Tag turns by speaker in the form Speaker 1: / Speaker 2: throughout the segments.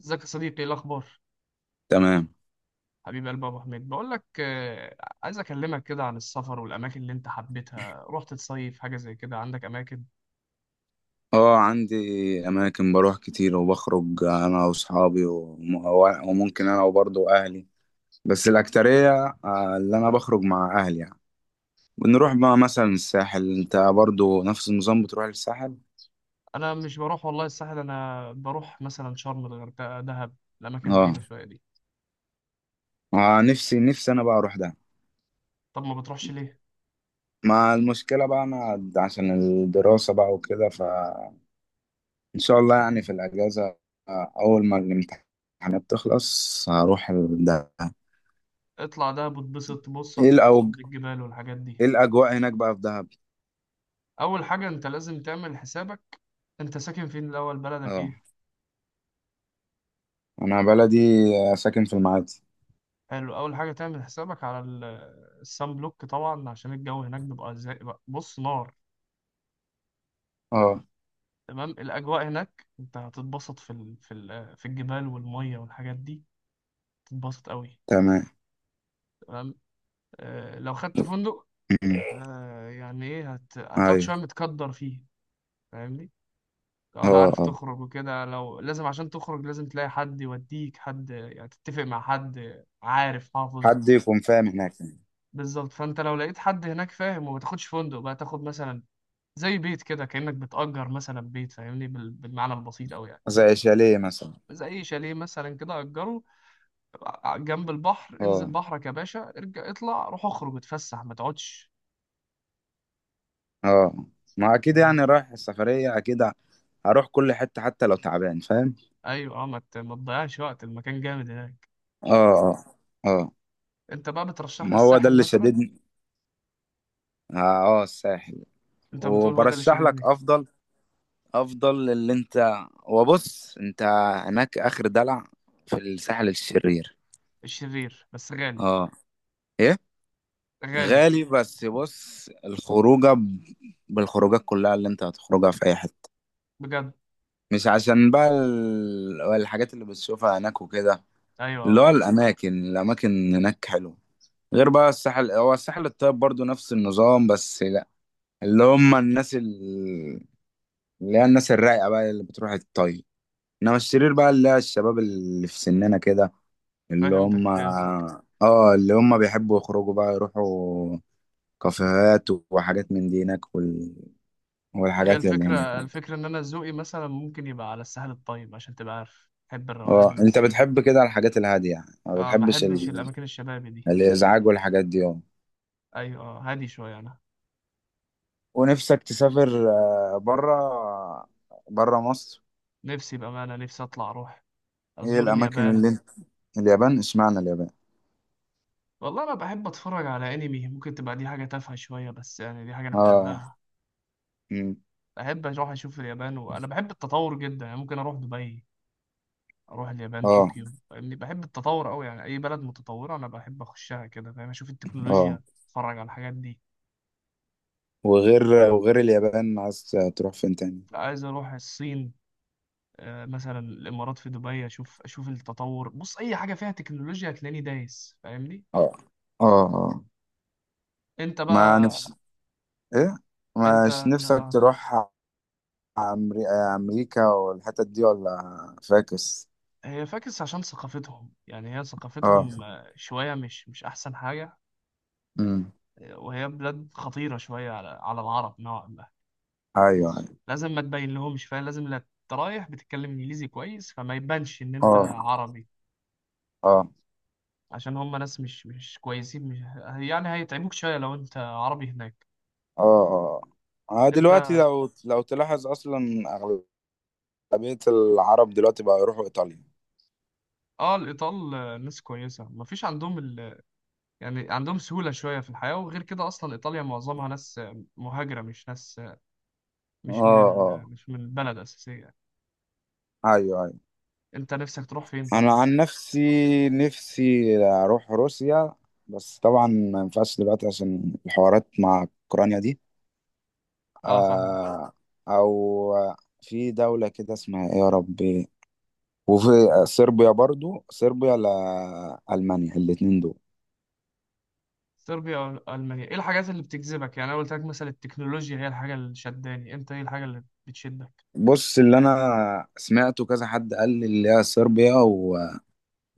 Speaker 1: ازيك يا صديقي، ايه الاخبار؟
Speaker 2: تمام.
Speaker 1: حبيب قلبي ابو حميد، بقول لك عايز اكلمك كده عن السفر والاماكن اللي انت حبيتها. رحت تصيف حاجه زي كده؟ عندك اماكن؟
Speaker 2: اه، عندي اماكن بروح كتير وبخرج انا واصحابي وممكن انا وبرضه اهلي، بس الاكترية اللي انا بخرج مع اهلي يعني. بنروح بقى مثلا الساحل. انت برضه نفس النظام، بتروح للساحل؟
Speaker 1: انا مش بروح والله الساحل، انا بروح مثلا شرم، الغردقه، دهب، الاماكن
Speaker 2: اه،
Speaker 1: البعيده شويه دي.
Speaker 2: نفسي نفسي انا بقى اروح ده.
Speaker 1: طب ما بتروحش ليه؟
Speaker 2: مع المشكلة بقى انا عشان الدراسة بقى وكده، فان شاء الله يعني في الاجازة. اول ما الامتحانات تخلص هروح ده.
Speaker 1: اطلع دهب وتبسط. بص
Speaker 2: ايه
Speaker 1: هتتبسط
Speaker 2: الأوج...
Speaker 1: بالجبال والحاجات دي.
Speaker 2: ايه الاجواء هناك بقى في دهب؟
Speaker 1: اول حاجه انت لازم تعمل حسابك. انت ساكن فين الاول؟ بلدك
Speaker 2: اه،
Speaker 1: ايه؟
Speaker 2: انا بلدي ساكن في المعادي.
Speaker 1: حلو، اول حاجه تعمل حسابك على السان بلوك طبعا، عشان الجو هناك بيبقى زي، بص، نار.
Speaker 2: اه،
Speaker 1: تمام. الأجواء هناك أنت هتتبسط في الجبال والمية والحاجات دي، تتبسط قوي.
Speaker 2: تمام.
Speaker 1: تمام. آه لو خدت فندق،
Speaker 2: أمم.
Speaker 1: آه يعني إيه، هتقعد
Speaker 2: ايوه،
Speaker 1: شوية متقدر فيه، فاهمني؟
Speaker 2: اه،
Speaker 1: ولا عارف
Speaker 2: اه،
Speaker 1: تخرج وكده؟ لو لازم عشان تخرج لازم تلاقي حد يوديك، حد يعني تتفق مع حد عارف حافظ.
Speaker 2: حد يكون فاهم هناك يعني.
Speaker 1: بالظبط. فأنت لو لقيت حد هناك فاهم، وما تاخدش فندق بقى، تاخد مثلا زي بيت كده، كأنك بتأجر مثلا بيت، فاهمني، بالمعنى البسيط أوي يعني.
Speaker 2: زي شاليه مثلا.
Speaker 1: زي شاليه مثلا كده أجره جنب البحر. انزل
Speaker 2: اه،
Speaker 1: بحرك يا باشا، ارجع اطلع، روح اخرج اتفسح، ما تقعدش،
Speaker 2: اه، ما اكيد يعني
Speaker 1: فاهمني؟
Speaker 2: رايح السفرية، اكيد هروح كل حتة حتى لو تعبان فاهم.
Speaker 1: ايوه، اه، ما تضيعش وقت. المكان جامد هناك.
Speaker 2: اه، اه، اه،
Speaker 1: انت بقى بترشح لي
Speaker 2: ما هو ده
Speaker 1: الساحل
Speaker 2: اللي
Speaker 1: مثلا؟
Speaker 2: شددني. اه، الساحل.
Speaker 1: انت بتقول هو ده اللي
Speaker 2: وبرشح لك
Speaker 1: شددني.
Speaker 2: افضل، افضل اللي انت، وبص انت هناك اخر دلع في الساحل الشرير.
Speaker 1: الشرير بس غالي،
Speaker 2: اه، ايه،
Speaker 1: غالي
Speaker 2: غالي بس بص بالخروجات كلها اللي انت هتخرجها في اي حتة.
Speaker 1: بجد.
Speaker 2: مش عشان بقى الحاجات اللي بتشوفها هناك وكده،
Speaker 1: ايوه،
Speaker 2: اللي
Speaker 1: اه.
Speaker 2: هو الاماكن، الاماكن هناك حلوة. غير بقى الساحل، هو الساحل الطيب برضو نفس النظام، بس لا، اللي هم الناس ال- اللي هي الناس الرايقة بقى اللي بتروح الطيب. انما الشرير بقى اللي هي الشباب اللي في سننا كده. اللي هم
Speaker 1: فهمتك.
Speaker 2: اه، اللي هم بيحبوا يخرجوا بقى، يروحوا كافيهات وحاجات من دي هناك،
Speaker 1: هي
Speaker 2: والحاجات اللي هنا.
Speaker 1: الفكره، الفكره ان انا ذوقي مثلا ممكن يبقى على الساحل الطيب، عشان تبقى عارف بحب الروقان
Speaker 2: اه،
Speaker 1: والناس
Speaker 2: انت بتحب
Speaker 1: الكتير.
Speaker 2: كده الحاجات الهادية يعني، ما
Speaker 1: اه، ما
Speaker 2: بتحبش
Speaker 1: احبش الاماكن الشبابي دي.
Speaker 2: الازعاج والحاجات دي، اه.
Speaker 1: ايوه، هادي شويه انا.
Speaker 2: ونفسك تسافر بره، بره مصر.
Speaker 1: نفسي بامانه، نفسي اطلع اروح
Speaker 2: ايه
Speaker 1: ازور
Speaker 2: الاماكن اللي
Speaker 1: اليابان.
Speaker 2: انت اليابان، اشمعنى اليابان؟
Speaker 1: والله انا بحب اتفرج على انمي، ممكن تبقى دي حاجه تافهه شويه، بس يعني دي حاجه انا
Speaker 2: اه.
Speaker 1: بحبها.
Speaker 2: مم.
Speaker 1: بحب اروح اشوف اليابان، وانا بحب التطور جدا. يعني ممكن اروح دبي، اروح اليابان،
Speaker 2: اه،
Speaker 1: طوكيو، فاهمني؟ بحب التطور قوي، يعني اي بلد متطوره انا بحب اخشها كده، فاهم؟ اشوف
Speaker 2: اه،
Speaker 1: التكنولوجيا، اتفرج على الحاجات دي.
Speaker 2: وغير وغير اليابان عايز تروح فين تاني؟
Speaker 1: عايز اروح الصين، مثلا الامارات، في دبي، اشوف التطور. بص اي حاجه فيها تكنولوجيا هتلاقيني دايس، فاهمني؟
Speaker 2: اه، اه، اه،
Speaker 1: انت
Speaker 2: ما
Speaker 1: بقى
Speaker 2: نفس ايه،
Speaker 1: انت،
Speaker 2: مش نفسك
Speaker 1: آه.
Speaker 2: تروح امريكا والحتت دي ولا فاكس؟
Speaker 1: هي فاكس عشان ثقافتهم، يعني هي
Speaker 2: اه،
Speaker 1: ثقافتهم شوية مش أحسن حاجة.
Speaker 2: امم،
Speaker 1: وهي بلاد خطيرة شوية على العرب نوعا ما.
Speaker 2: ايوه، ايوه،
Speaker 1: لازم ما تبين لهمش، فاهم؟ لازم لا، أنت رايح بتتكلم إنجليزي كويس فما يبانش إن أنت
Speaker 2: أه،
Speaker 1: عربي.
Speaker 2: اه،
Speaker 1: عشان هم ناس مش كويسين، مش يعني هيتعبوك شوية لو أنت عربي هناك.
Speaker 2: اه، اه،
Speaker 1: أنت
Speaker 2: دلوقتي لو تلاحظ اصلا اغلبيه العرب دلوقتي بقى يروحوا ايطاليا.
Speaker 1: آه الإيطال، ناس كويسة مفيش عندهم ال... يعني عندهم سهولة شوية في الحياة. وغير كده أصلا إيطاليا معظمها ناس مهاجرة، مش ناس
Speaker 2: اه، اه،
Speaker 1: مش من البلد أساسية.
Speaker 2: ايوه، ايوه،
Speaker 1: انت نفسك تروح فين
Speaker 2: انا
Speaker 1: طيب؟
Speaker 2: عن نفسي، نفسي اروح روسيا، بس طبعا ما ينفعش دلوقتي عشان الحوارات مع اوكرانيا دي.
Speaker 1: اه، فاهمك.
Speaker 2: آه او، في دولة كده اسمها ايه يا ربي؟ وفي صربيا، برضو صربيا، لألمانيا، الاتنين دول.
Speaker 1: صربيا او المانيا، ايه الحاجات اللي بتجذبك؟ يعني انا قلت لك مثلا التكنولوجيا هي الحاجه اللي شداني، انت ايه الحاجه اللي بتشدك؟
Speaker 2: بص، اللي انا سمعته كذا حد قال لي، اللي هي صربيا،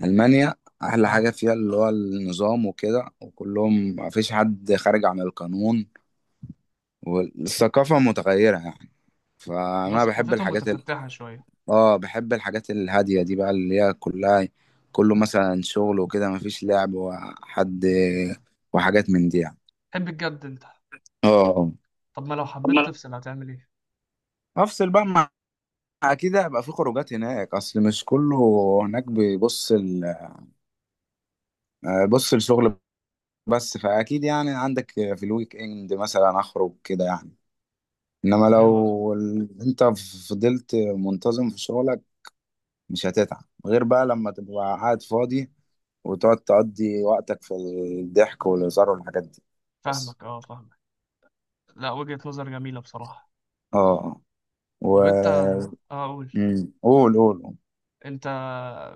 Speaker 2: ألمانيا، أحلى
Speaker 1: اه.
Speaker 2: حاجة فيها اللي هو النظام وكده، وكلهم مفيش حد خارج عن القانون، والثقافة متغيرة يعني.
Speaker 1: هما
Speaker 2: فأنا بحب
Speaker 1: ثقافتهم متفتحه شويه.
Speaker 2: آه، بحب الحاجات الهادية دي بقى، اللي هي كلها كله مثلا شغل وكده، مفيش لعب وحد وحاجات من دي يعني.
Speaker 1: تحب الجد انت؟
Speaker 2: آه،
Speaker 1: طب ما لو
Speaker 2: طب ما
Speaker 1: حبيت
Speaker 2: أنا-
Speaker 1: تفصل هتعمل ايه؟
Speaker 2: أفصل بقى مع، أكيد هيبقى في خروجات هناك، أصل مش كله هناك بيبص بص، الشغل. بس فأكيد يعني عندك في الويك إند مثلا أخرج كده يعني. انما
Speaker 1: ايوه،
Speaker 2: لو انت فضلت منتظم في شغلك، مش هتتعب غير بقى لما تبقى قاعد فاضي وتقعد تقضي وقتك في الضحك والهزار والحاجات دي. بس،
Speaker 1: فاهمك، اه فاهمك. لا، وجهه نظر جميله بصراحه.
Speaker 2: اه، آه. و،
Speaker 1: طب انت، اه قول.
Speaker 2: مم. قول، قول، قول.
Speaker 1: انت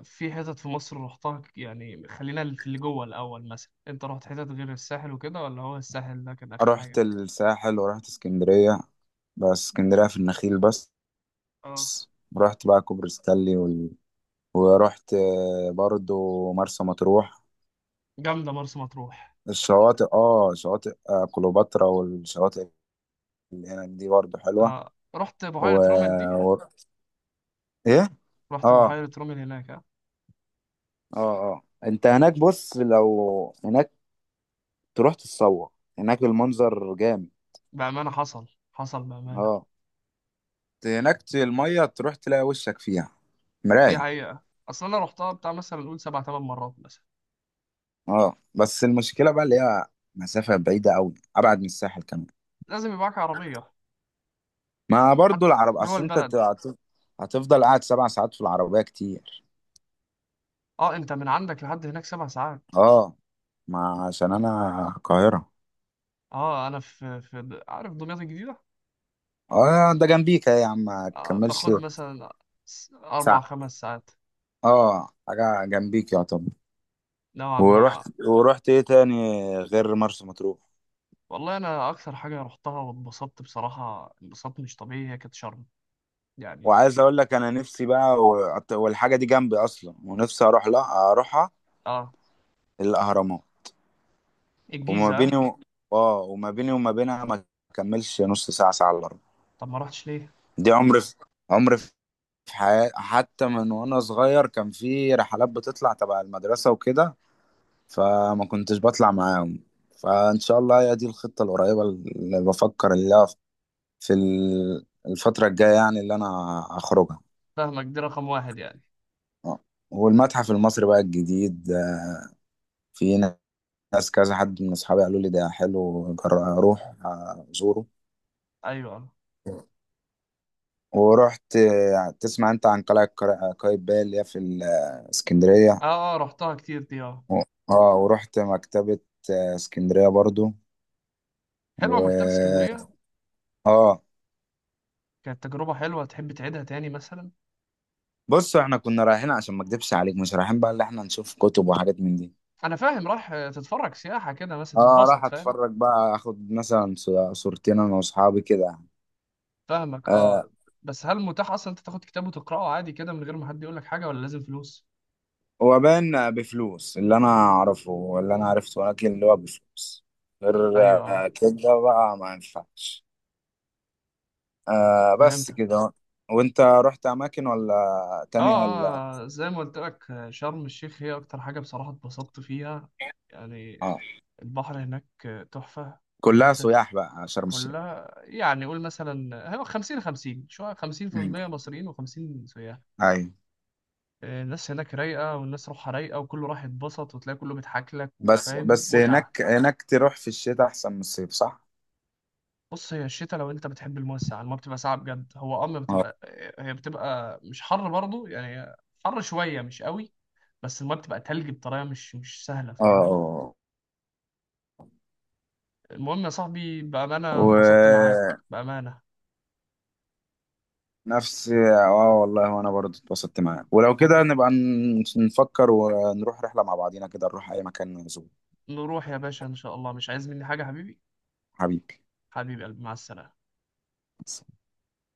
Speaker 1: في حتت في مصر رحتها؟ يعني خلينا في اللي جوه الاول. مثلا انت رحت حتت غير الساحل وكده، ولا هو الساحل ده كان اخر
Speaker 2: رحت
Speaker 1: حاجه؟
Speaker 2: الساحل ورحت اسكندرية، بس اسكندرية في النخيل بس.
Speaker 1: اه،
Speaker 2: رحت بقى كوبري ستانلي ورحت برضو مرسى مطروح.
Speaker 1: جامده مرسى مطروح.
Speaker 2: الشواطئ اه شواطئ كليوباترا، والشواطئ هناك دي برضو حلوة.
Speaker 1: آه رحت
Speaker 2: و...
Speaker 1: بحيرة رومل دي؟
Speaker 2: و... ايه
Speaker 1: رحت
Speaker 2: اه،
Speaker 1: بحيرة رومل هناك، آه.
Speaker 2: اه، اه، انت هناك، بص، لو هناك تروح تتصور، هناك المنظر جامد.
Speaker 1: بأمانة، حصل بأمانة.
Speaker 2: اه، المية تروح تلاقي وشك فيها
Speaker 1: دي
Speaker 2: مراية.
Speaker 1: حقيقة. أصل أنا رحتها بتاع مثلا نقول 7 8 مرات مثلا.
Speaker 2: اه، بس المشكلة بقى اللي هي مسافة بعيدة أوي، أبعد من الساحل كمان.
Speaker 1: لازم يبقى معاك عربية
Speaker 2: ما برضو
Speaker 1: حتى
Speaker 2: العرب،
Speaker 1: جوه
Speaker 2: أصل أنت
Speaker 1: البلد.
Speaker 2: هتفضل قاعد 7 ساعات في العربية كتير.
Speaker 1: أه أنت من عندك لحد هناك 7 ساعات؟
Speaker 2: اه، ما عشان أنا القاهرة.
Speaker 1: أه، أنا في عارف دمياط الجديدة.
Speaker 2: اه، ده جنبيك أهي يا عم، ما
Speaker 1: آه
Speaker 2: تكملش
Speaker 1: باخد مثلا أربع
Speaker 2: ساعة.
Speaker 1: خمس ساعات
Speaker 2: اه، حاجة جنبيك يعتبر.
Speaker 1: نوعا ما.
Speaker 2: ورحت ايه تاني غير مرسى مطروح؟
Speaker 1: والله أنا أكثر حاجة رحتها واتبسطت بصراحة، انبساط مش طبيعي، هي كانت شرم يعني.
Speaker 2: وعايز اقول لك انا نفسي بقى والحاجه دي جنبي اصلا، ونفسي اروح، لا اروحها،
Speaker 1: أه،
Speaker 2: الاهرامات. وما بيني
Speaker 1: الجيزة.
Speaker 2: و... اه، وما بيني وما بينها ما كملش نص ساعه، ساعه الا ربع.
Speaker 1: طب ما رحتش ليه؟
Speaker 2: دي عمري في حياتي، حتى من وانا صغير كان في رحلات بتطلع تبع المدرسه وكده، فما كنتش بطلع معاهم. فان شاء الله هي دي الخطه القريبه اللي بفكر في الفتره الجايه يعني اللي انا اخرجها.
Speaker 1: فاهمك، دي رقم واحد يعني.
Speaker 2: آه. والمتحف المصري بقى الجديد، في ناس، كذا حد من اصحابي قالوا لي ده حلو، اروح ازوره.
Speaker 1: ايوه،
Speaker 2: ورحت، تسمع انت عن قلعة قايتباي، اللي هي في اسكندرية؟
Speaker 1: اه رحتها كتير دي، اه.
Speaker 2: و- اه، ورحت مكتبة اسكندرية برضو.
Speaker 1: حلوه مكتبه
Speaker 2: و،
Speaker 1: اسكندريه.
Speaker 2: اه،
Speaker 1: كانت تجربه حلوه، تحب تعيدها تاني مثلا؟
Speaker 2: بص احنا كنا رايحين عشان ما اكدبش عليك، مش رايحين بقى اللي احنا نشوف كتب وحاجات من دي.
Speaker 1: انا فاهم، راح تتفرج سياحه كده مثلا،
Speaker 2: اه، راح
Speaker 1: تتبسط، فاهم.
Speaker 2: اتفرج بقى، اخد مثلا صورتين انا واصحابي كده.
Speaker 1: فاهمك، اه.
Speaker 2: آه،
Speaker 1: بس هل متاح اصلا انت تاخد كتاب وتقراه عادي كده، من غير ما حد يقول لك حاجه؟ ولا لازم فلوس؟
Speaker 2: هو باين بفلوس، اللي انا اعرفه، اللي انا عرفته، ولكن اللي هو بفلوس غير،
Speaker 1: ايوه، اه.
Speaker 2: كده بقى ما ينفعش. آه، بس
Speaker 1: فهمتك، اه.
Speaker 2: كده. وانت رحت اماكن ولا تانية ولا؟
Speaker 1: اه زي ما قلت لك، شرم الشيخ هي اكتر حاجه بصراحه اتبسطت فيها يعني.
Speaker 2: آه.
Speaker 1: البحر هناك تحفه. وان
Speaker 2: كلها
Speaker 1: انت
Speaker 2: سياح بقى شرم الشيخ.
Speaker 1: كلها يعني، قول مثلا هيبقى 50 50 شوية،
Speaker 2: امم،
Speaker 1: 50% مصريين و50 سياح.
Speaker 2: ايوه.
Speaker 1: الناس هناك رايقة، والناس روحها رايقة، وكله راح يتبسط، وتلاقي كله بيضحك لك،
Speaker 2: بس
Speaker 1: وفاهم
Speaker 2: بس
Speaker 1: متعة.
Speaker 2: هناك تروح في الشتاء احسن من الصيف صح؟
Speaker 1: بص هي الشتاء، لو انت بتحب المياه الساقعة، المياه بتبقى ساقعة بجد. هو اه، ما
Speaker 2: اه،
Speaker 1: بتبقى، هي بتبقى مش حر برضه يعني، حر شوية مش قوي، بس المياه بتبقى تلج بطريقة مش سهلة، فاهمني؟
Speaker 2: اه،
Speaker 1: المهم يا صاحبي، بأمانة اتبسطت معاك،
Speaker 2: ونفس
Speaker 1: بأمانة.
Speaker 2: اه، والله وانا برضه اتبسطت معاك، ولو كده
Speaker 1: حبيبي،
Speaker 2: نبقى نفكر ونروح رحلة مع بعضينا كده، نروح اي مكان نزور.
Speaker 1: نروح يا باشا إن شاء الله. مش عايز مني حاجة حبيبي؟
Speaker 2: حبيبي.
Speaker 1: حبيبي قلبي، مع السلامة.